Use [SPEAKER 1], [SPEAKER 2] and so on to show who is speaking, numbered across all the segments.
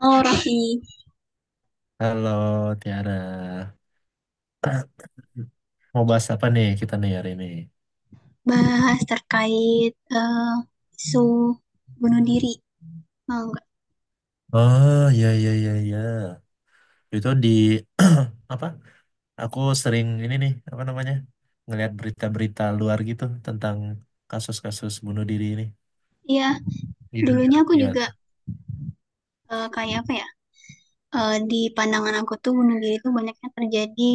[SPEAKER 1] Oh, Raffi,
[SPEAKER 2] Halo Tiara, mau bahas apa nih kita nih hari ini?
[SPEAKER 1] bahas terkait eh, isu bunuh diri. Oh, enggak.
[SPEAKER 2] Oh iya iya iya iya, itu di apa? Aku sering ini nih apa namanya ngelihat berita-berita luar gitu tentang kasus-kasus bunuh diri ini.
[SPEAKER 1] Iya,
[SPEAKER 2] Iya,
[SPEAKER 1] dulunya
[SPEAKER 2] tuh,
[SPEAKER 1] aku
[SPEAKER 2] iya
[SPEAKER 1] juga
[SPEAKER 2] tuh.
[SPEAKER 1] kayak apa ya? Di pandangan aku tuh bunuh diri tuh banyaknya terjadi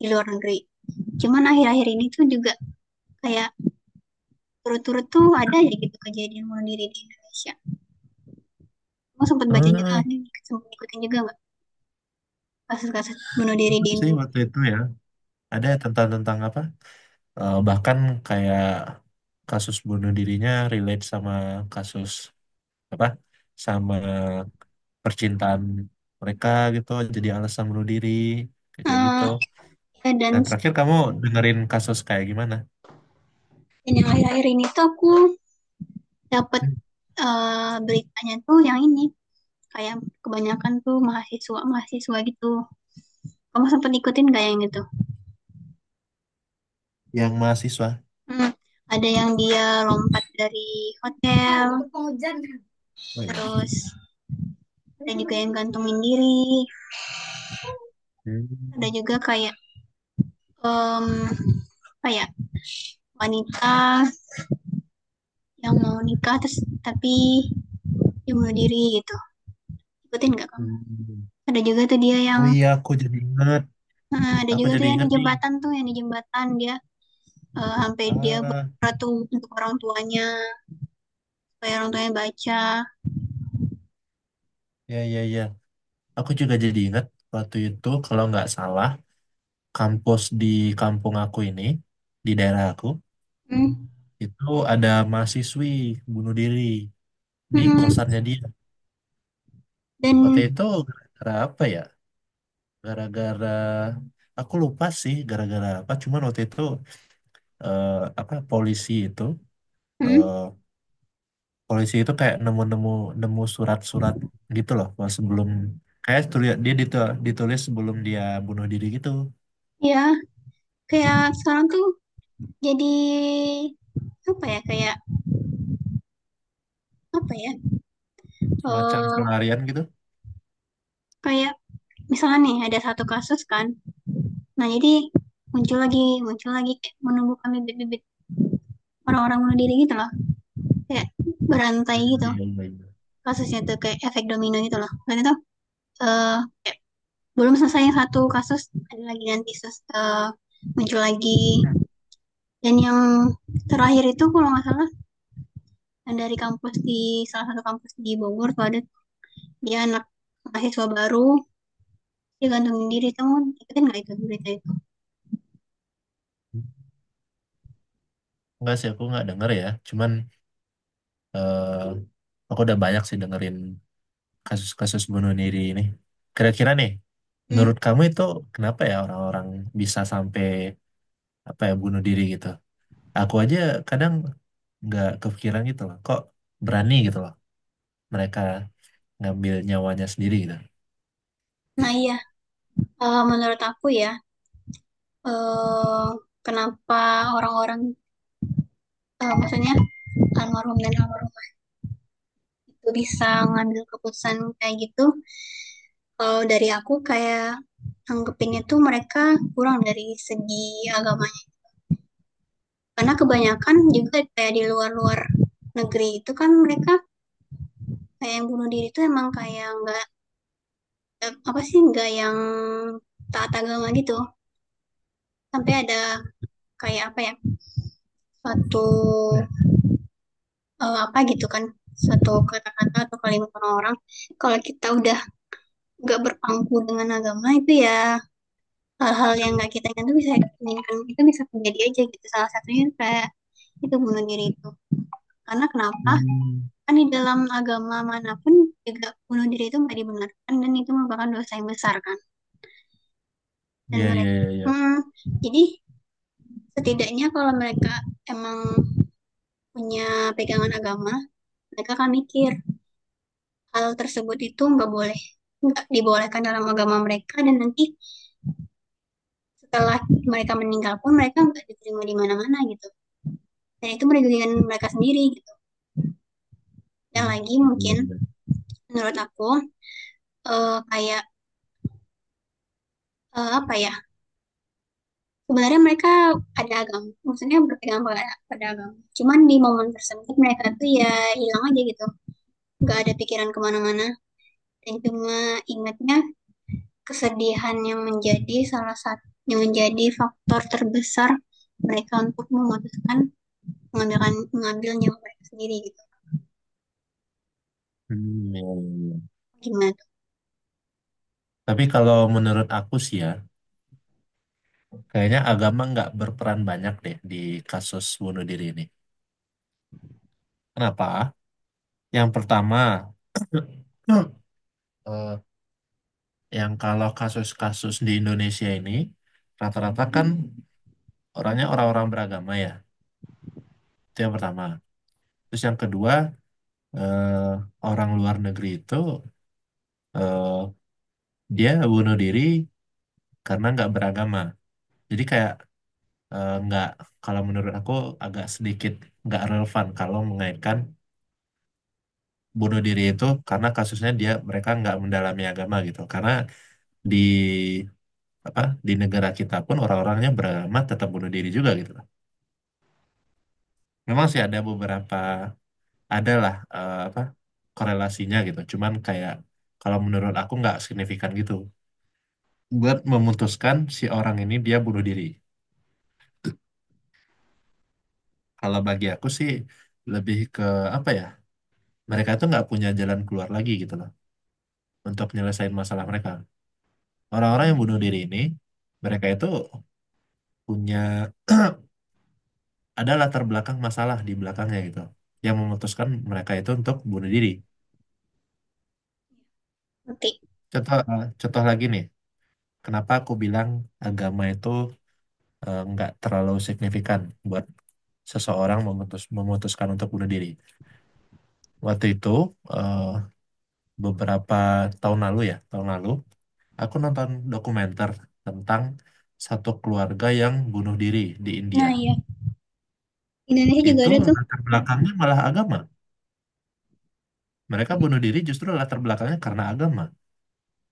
[SPEAKER 1] di luar negeri. Cuman akhir-akhir ini tuh juga kayak turut-turut tuh ada aja gitu kejadian bunuh diri di Indonesia. Kamu sempat baca juga
[SPEAKER 2] Ah,
[SPEAKER 1] nggak sih? Sempat ikutin juga nggak kasus-kasus bunuh diri di
[SPEAKER 2] mantap sih
[SPEAKER 1] Indonesia?
[SPEAKER 2] waktu itu ya. Ada tentang tentang apa? Bahkan kayak kasus bunuh dirinya relate sama kasus apa? Sama percintaan mereka gitu jadi alasan bunuh diri kayak kayak gitu.
[SPEAKER 1] Eh, ya,
[SPEAKER 2] Dan
[SPEAKER 1] dan,
[SPEAKER 2] terakhir kamu dengerin kasus kayak gimana?
[SPEAKER 1] dan yang akhir-akhir ini tuh aku dapat
[SPEAKER 2] Hmm.
[SPEAKER 1] beritanya tuh yang ini kayak kebanyakan tuh mahasiswa mahasiswa gitu, kamu sempat ikutin gak yang gitu.
[SPEAKER 2] Yang mahasiswa.
[SPEAKER 1] Hmm. Ada yang dia lompat dari
[SPEAKER 2] Nah,
[SPEAKER 1] hotel,
[SPEAKER 2] dikepung hujan. Oh iya.
[SPEAKER 1] terus ada juga yang gantungin diri, ada
[SPEAKER 2] Hmm.
[SPEAKER 1] juga kayak um, kayak wanita yang mau nikah terus tapi dia bunuh diri gitu, ikutin gak kamu?
[SPEAKER 2] Hmm.
[SPEAKER 1] Ada juga tuh dia yang
[SPEAKER 2] Oh iya, aku jadi ingat.
[SPEAKER 1] ada
[SPEAKER 2] Aku
[SPEAKER 1] juga
[SPEAKER 2] jadi
[SPEAKER 1] tuh yang di
[SPEAKER 2] ingat nih.
[SPEAKER 1] jembatan tuh yang di jembatan dia sampai dia
[SPEAKER 2] Ah,
[SPEAKER 1] berdoa tuh untuk orang tuanya supaya orang tuanya baca.
[SPEAKER 2] ya ya ya. Aku juga jadi ingat waktu itu kalau nggak salah kampus di kampung aku ini di daerah aku
[SPEAKER 1] Hmm.
[SPEAKER 2] itu ada mahasiswi bunuh diri di
[SPEAKER 1] Hmm.
[SPEAKER 2] kosannya dia. Waktu
[SPEAKER 1] Dan.
[SPEAKER 2] itu gara-gara apa ya? Gara-gara aku lupa sih gara-gara apa. Cuman waktu itu eh, apa polisi itu
[SPEAKER 1] Hmm?
[SPEAKER 2] eh, polisi itu kayak nemu surat-surat gitu loh. Pas sebelum kayak ditulis sebelum dia bunuh diri gitu,
[SPEAKER 1] Ya, kayak sekarang tuh jadi apa ya kayak apa ya
[SPEAKER 2] semacam
[SPEAKER 1] eh
[SPEAKER 2] pelarian gitu.
[SPEAKER 1] kayak misalnya nih ada satu kasus kan. Nah, jadi muncul lagi kayak menumbuhkan bibit-bibit orang-orang bunuh diri gitu loh. Kayak berantai
[SPEAKER 2] Hmm,
[SPEAKER 1] gitu,
[SPEAKER 2] iya, iya, iya.
[SPEAKER 1] kasusnya tuh kayak efek domino gitu loh. Karena tuh eh, belum selesai yang satu kasus, ada lagi nanti muncul lagi.
[SPEAKER 2] Hmm.
[SPEAKER 1] Dan yang terakhir itu kalau nggak salah yang dari kampus di salah satu kampus di Bogor tuh ada, dia anak mahasiswa baru dia gantungin diri, kamu ikutin nggak itu berita itu?
[SPEAKER 2] Enggak sih aku nggak denger ya. Cuman aku udah banyak sih dengerin kasus-kasus bunuh diri ini. Kira-kira nih,
[SPEAKER 1] Hmm.
[SPEAKER 2] menurut kamu itu kenapa ya orang-orang bisa sampai apa ya bunuh diri gitu? Aku aja kadang nggak kepikiran gitu loh. Kok berani gitu loh mereka ngambil nyawanya sendiri gitu.
[SPEAKER 1] Nah, iya. Menurut aku ya eh kenapa orang-orang maksudnya almarhum dan almarhum itu bisa ngambil keputusan kayak gitu, kalau dari aku kayak anggapinnya tuh mereka kurang dari segi agamanya, karena kebanyakan juga kayak di luar-luar negeri itu kan mereka kayak yang bunuh diri itu emang kayak nggak apa sih nggak yang taat agama gitu, sampai ada kayak apa ya suatu
[SPEAKER 2] Nah,
[SPEAKER 1] apa gitu kan, suatu kata-kata atau kalimat orang-orang, kalau kita udah nggak berpangku dengan agama itu ya hal-hal yang nggak kita inginkan itu bisa terjadi aja gitu, salah satunya kayak itu bunuh diri itu. Karena kenapa,
[SPEAKER 2] hmm,
[SPEAKER 1] kan di dalam agama manapun juga bunuh diri itu nggak dibenarkan dan itu merupakan dosa yang besar kan, dan
[SPEAKER 2] iya, iya,
[SPEAKER 1] mereka.
[SPEAKER 2] iya, iya.
[SPEAKER 1] Hmm, jadi setidaknya kalau mereka emang punya pegangan agama, mereka akan mikir hal tersebut itu nggak boleh, nggak dibolehkan dalam agama mereka, dan nanti setelah mereka meninggal pun mereka nggak diterima di mana-mana gitu. Dan itu merugikan mereka sendiri gitu. Dan
[SPEAKER 2] Hmm,
[SPEAKER 1] lagi
[SPEAKER 2] iya,
[SPEAKER 1] mungkin
[SPEAKER 2] iya.
[SPEAKER 1] menurut aku kayak apa ya? Sebenarnya mereka ada agama, maksudnya berpegang pada, agama. Cuman di momen tersebut mereka tuh ya hilang aja gitu, nggak ada pikiran kemana-mana, dan cuma ingatnya kesedihan yang menjadi salah satu yang menjadi faktor terbesar mereka untuk memutuskan mengambil mengambil nyawa mereka sendiri gitu,
[SPEAKER 2] Hmm, iya, iya, iya.
[SPEAKER 1] gimana tuh?
[SPEAKER 2] Tapi kalau menurut aku sih ya, kayaknya agama nggak berperan banyak deh di kasus bunuh diri ini. Kenapa? Yang pertama, eh, yang kalau kasus-kasus di Indonesia ini rata-rata kan orangnya orang-orang beragama ya. Itu yang pertama. Terus yang kedua, eh, orang luar negeri itu eh, dia bunuh diri karena nggak beragama. Jadi kayak nggak, kalau menurut aku agak sedikit nggak relevan kalau mengaitkan bunuh diri itu karena kasusnya dia mereka nggak mendalami agama gitu. Karena di apa di negara kita pun orang-orangnya beragama tetap bunuh diri juga gitu. Memang sih ada beberapa adalah apa korelasinya gitu. Cuman kayak kalau menurut aku nggak signifikan gitu. Buat memutuskan si orang ini dia bunuh diri. Kalau bagi aku sih lebih ke apa ya? Mereka itu nggak punya jalan keluar lagi gitu loh untuk menyelesaikan masalah mereka. Orang-orang yang bunuh diri ini mereka itu punya ada latar belakang masalah di belakangnya gitu yang memutuskan mereka itu untuk bunuh diri.
[SPEAKER 1] Ngerti.
[SPEAKER 2] Contoh contoh lagi nih. Kenapa aku bilang agama itu nggak terlalu signifikan buat seseorang memutuskan untuk bunuh diri. Waktu itu eh, beberapa tahun lalu ya, tahun lalu aku nonton dokumenter tentang satu keluarga yang bunuh diri di India.
[SPEAKER 1] Nah, ya, Indonesia juga
[SPEAKER 2] Itu
[SPEAKER 1] ada tuh.
[SPEAKER 2] latar belakangnya malah agama. Mereka bunuh diri justru latar belakangnya karena agama.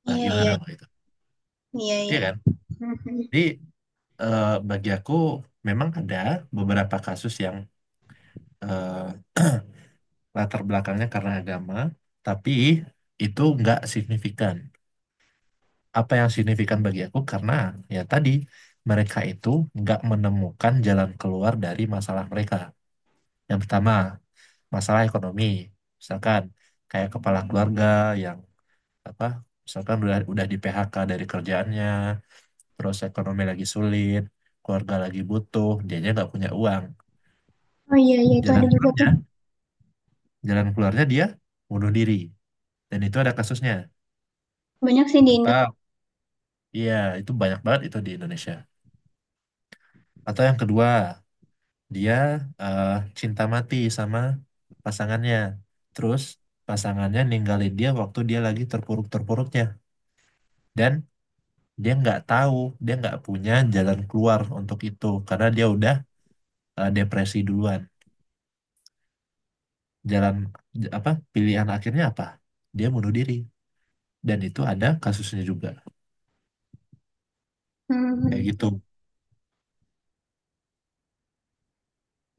[SPEAKER 2] Nah,
[SPEAKER 1] Iya,
[SPEAKER 2] gimana
[SPEAKER 1] iya,
[SPEAKER 2] Mbak itu?
[SPEAKER 1] iya,
[SPEAKER 2] Iya
[SPEAKER 1] iya.
[SPEAKER 2] kan?
[SPEAKER 1] Mhm.
[SPEAKER 2] Jadi bagi aku memang ada beberapa kasus yang eh, latar belakangnya karena agama, tapi itu nggak signifikan. Apa yang signifikan bagi aku karena ya tadi mereka itu nggak menemukan jalan keluar dari masalah mereka. Yang pertama, masalah ekonomi. Misalkan kayak kepala keluarga yang apa misalkan udah di PHK dari kerjaannya, terus ekonomi lagi sulit, keluarga lagi butuh, dianya nggak punya uang.
[SPEAKER 1] Oh, iya, iya, itu ada
[SPEAKER 2] Jalan
[SPEAKER 1] juga tuh.
[SPEAKER 2] keluarnya, jalan keluarnya dia bunuh diri. Dan itu ada kasusnya.
[SPEAKER 1] Banyak sih di Indo.
[SPEAKER 2] Apa iya, itu banyak banget itu di Indonesia. Atau yang kedua, dia eh, cinta mati sama pasangannya. Terus pasangannya ninggalin dia waktu dia lagi terpuruk-terpuruknya. Dan dia nggak tahu, dia nggak punya jalan keluar untuk itu. Karena dia udah depresi duluan. Jalan, pilihan akhirnya apa? Dia bunuh diri. Dan itu ada kasusnya juga. Kayak gitu.
[SPEAKER 1] Mhm.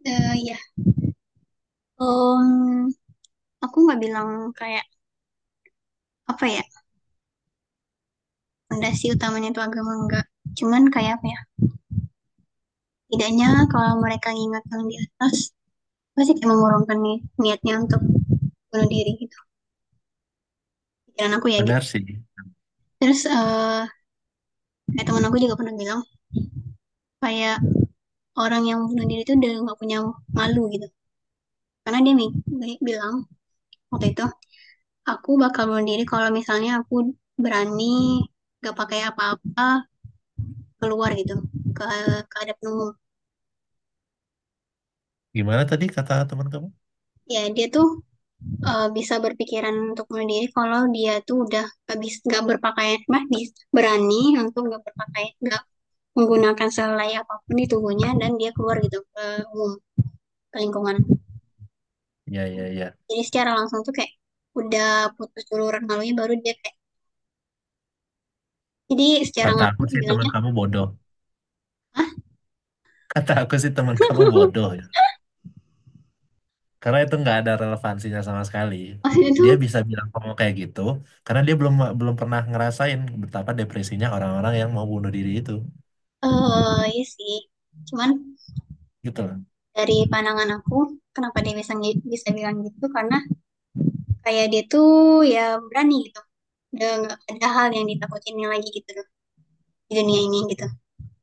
[SPEAKER 1] Eh, ya. Em, aku nggak bilang kayak apa ya fondasi utamanya itu agama, enggak. Cuman kayak apa ya tidaknya kalau mereka ingat yang di atas pasti kayak mengurungkan niatnya untuk bunuh diri gitu, pikiran aku ya gitu.
[SPEAKER 2] Benar sih.
[SPEAKER 1] Terus kayak teman aku juga pernah bilang kayak orang yang bunuh diri itu udah nggak punya malu gitu, karena dia bilang waktu itu aku bakal bunuh diri kalau misalnya aku berani gak pakai apa-apa keluar gitu ke keadaan umum.
[SPEAKER 2] Gimana tadi kata teman kamu?
[SPEAKER 1] Ya, dia tuh bisa berpikiran untuk bunuh diri kalau dia tuh udah gak bisa, nggak berpakaian mah, berani untuk gak berpakaian, gak menggunakan selai apapun di tubuhnya dan dia keluar gitu ke umum, ke lingkungan.
[SPEAKER 2] Ya, ya, ya.
[SPEAKER 1] Jadi secara langsung tuh kayak udah putus duluran malunya baru dia kayak, jadi secara
[SPEAKER 2] Kata aku
[SPEAKER 1] langsung dia
[SPEAKER 2] sih teman
[SPEAKER 1] bilangnya.
[SPEAKER 2] kamu bodoh.
[SPEAKER 1] Ah.
[SPEAKER 2] Kata aku sih teman kamu bodoh ya. Karena itu nggak ada relevansinya sama sekali.
[SPEAKER 1] Maksudnya tuh
[SPEAKER 2] Dia bisa bilang kamu kayak gitu karena dia belum belum pernah ngerasain betapa depresinya orang-orang yang mau bunuh diri itu.
[SPEAKER 1] iya sih. Cuman
[SPEAKER 2] Gitu loh.
[SPEAKER 1] dari pandangan aku kenapa dia bisa bisa bilang gitu karena kayak dia tuh ya berani gitu, udah nggak ada hal yang ditakutin lagi gitu loh di dunia ini gitu.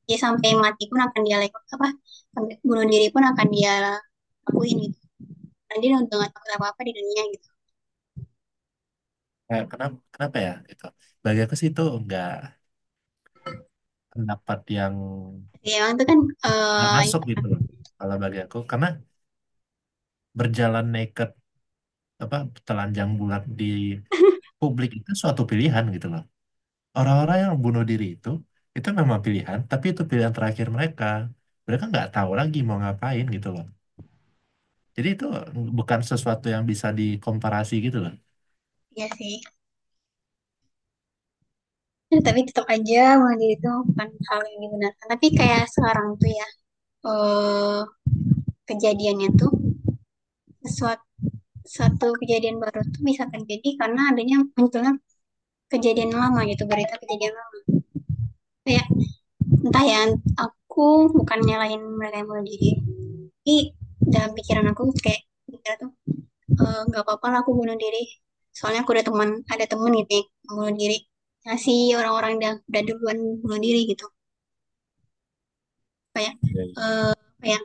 [SPEAKER 1] Dia sampai mati pun akan dia lakukan apa, sampai bunuh diri pun akan dia lakuin gitu, Andin udah gak takut apa-apa di dunia gitu.
[SPEAKER 2] Kayak kenapa kenapa ya gitu. Bagi aku sih itu nggak pendapat yang
[SPEAKER 1] Ya, emang itu kan
[SPEAKER 2] nggak
[SPEAKER 1] eh
[SPEAKER 2] masuk gitu loh. Kalau bagi aku karena berjalan naked apa telanjang bulat di publik itu suatu pilihan gitu loh. Orang-orang yang bunuh diri itu memang pilihan, tapi itu pilihan terakhir mereka. Mereka nggak tahu lagi mau ngapain gitu loh. Jadi itu bukan sesuatu yang bisa dikomparasi gitu loh.
[SPEAKER 1] ya sih. Ya, tapi tetap aja bunuh itu bukan hal yang dibenarkan. Tapi kayak sekarang tuh ya eh kejadiannya tuh sesuatu, satu kejadian baru tuh bisa terjadi karena adanya munculnya kejadian lama gitu, berita kejadian lama, kayak entah ya, aku bukan nyalain mereka yang bunuh diri, tapi dalam pikiran aku kayak mikir tuh nggak apa-apa lah aku bunuh diri soalnya aku ada teman ada temen gitu ya, yang bunuh diri, ngasih orang-orang yang udah duluan bunuh diri gitu, kayak
[SPEAKER 2] Iya, iya.
[SPEAKER 1] kayak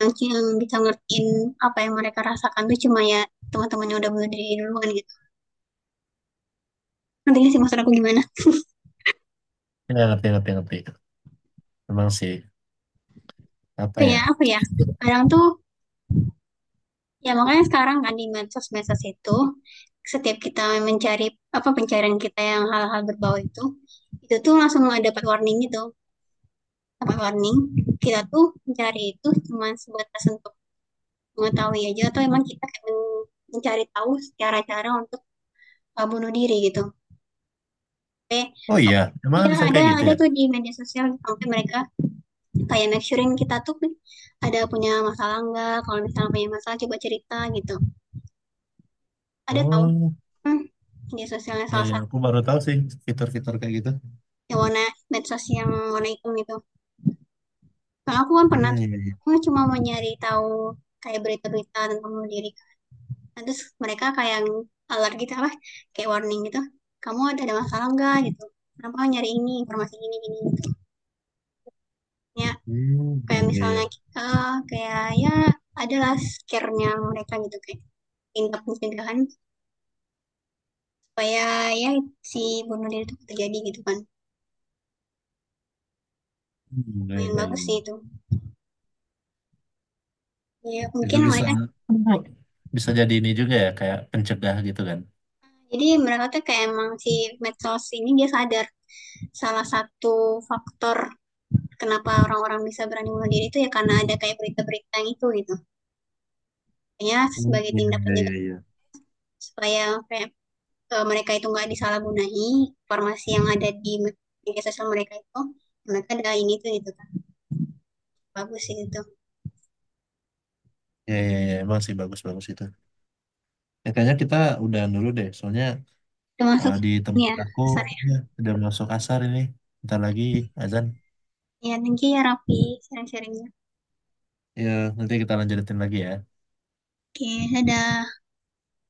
[SPEAKER 1] yang bisa ngertiin apa yang mereka rasakan tuh cuma ya teman-temannya udah bunuh diri duluan gitu, nantinya sih maksud aku gimana,
[SPEAKER 2] Nggak ngerti, ngerti, ngerti. Memang sih, apa ya?
[SPEAKER 1] kayak apa ya kadang tuh, ya makanya sekarang kan di medsos-medsos itu setiap kita mencari apa pencarian kita yang hal-hal berbau itu tuh langsung dapat warning gitu, dapat warning, kita tuh mencari itu cuma sebatas untuk mengetahui aja atau emang kita kayak mencari tahu cara-cara untuk bunuh diri gitu. Oke.
[SPEAKER 2] Oh
[SPEAKER 1] Uh,
[SPEAKER 2] iya, emang
[SPEAKER 1] Iya,
[SPEAKER 2] bisa
[SPEAKER 1] ada
[SPEAKER 2] kayak gitu
[SPEAKER 1] ada
[SPEAKER 2] ya?
[SPEAKER 1] tuh di media sosial sampai mereka kayak make surein kita tuh ada punya masalah nggak? Kalau misalnya punya masalah coba cerita gitu. Ada tahu.
[SPEAKER 2] Oh,
[SPEAKER 1] Hmm, media sosialnya
[SPEAKER 2] iya,
[SPEAKER 1] salah
[SPEAKER 2] iya.
[SPEAKER 1] satu
[SPEAKER 2] Aku baru tahu sih fitur-fitur kayak gitu.
[SPEAKER 1] yang warna, medsos yang warna hitam gitu. Kalau aku kan pernah
[SPEAKER 2] Hmm,
[SPEAKER 1] tuh,
[SPEAKER 2] iya, iya.
[SPEAKER 1] aku cuma mau nyari tahu kayak berita-berita tentang bunuh diri, nah terus mereka kayak yang alert gitu apa kayak warning gitu, kamu ada masalah nggak gitu, kenapa nyari ini informasi ini gitu, ya,
[SPEAKER 2] Hmm,
[SPEAKER 1] kayak
[SPEAKER 2] iya, iya.
[SPEAKER 1] misalnya kayak ya adalah scare-nya mereka gitu kayak tindak pencegahan supaya ya si bunuh diri itu terjadi gitu kan.
[SPEAKER 2] Hmm, iya,
[SPEAKER 1] Nah, yang
[SPEAKER 2] iya,
[SPEAKER 1] bagus
[SPEAKER 2] iya.
[SPEAKER 1] sih itu, ya
[SPEAKER 2] Itu
[SPEAKER 1] mungkin mereka,
[SPEAKER 2] bisa, bisa jadi ini juga ya, kayak pencegah gitu kan.
[SPEAKER 1] jadi mereka tuh kayak emang si medsos ini dia sadar salah satu faktor kenapa orang-orang bisa berani bunuh diri itu ya karena ada kayak berita-berita yang itu gitu, ya
[SPEAKER 2] Hmm,
[SPEAKER 1] sebagai tindak
[SPEAKER 2] iya,
[SPEAKER 1] penjaga
[SPEAKER 2] iya, iya.
[SPEAKER 1] supaya mereka itu nggak disalahgunai informasi yang ada di media sosial mereka itu, mereka ada ini tuh gitu kan, bagus sih itu.
[SPEAKER 2] Iya, iya, iya. Emang sih bagus-bagus itu. Ya, kayaknya kita udahan dulu deh, soalnya
[SPEAKER 1] Termasuk,
[SPEAKER 2] di tempat
[SPEAKER 1] ya
[SPEAKER 2] aku
[SPEAKER 1] sorry,
[SPEAKER 2] ya, udah masuk asar ini. Bentar lagi azan.
[SPEAKER 1] ya thank you ya Raffi, sharing-sharingnya,
[SPEAKER 2] Ya, nanti kita lanjutin lagi ya.
[SPEAKER 1] oke, dadah.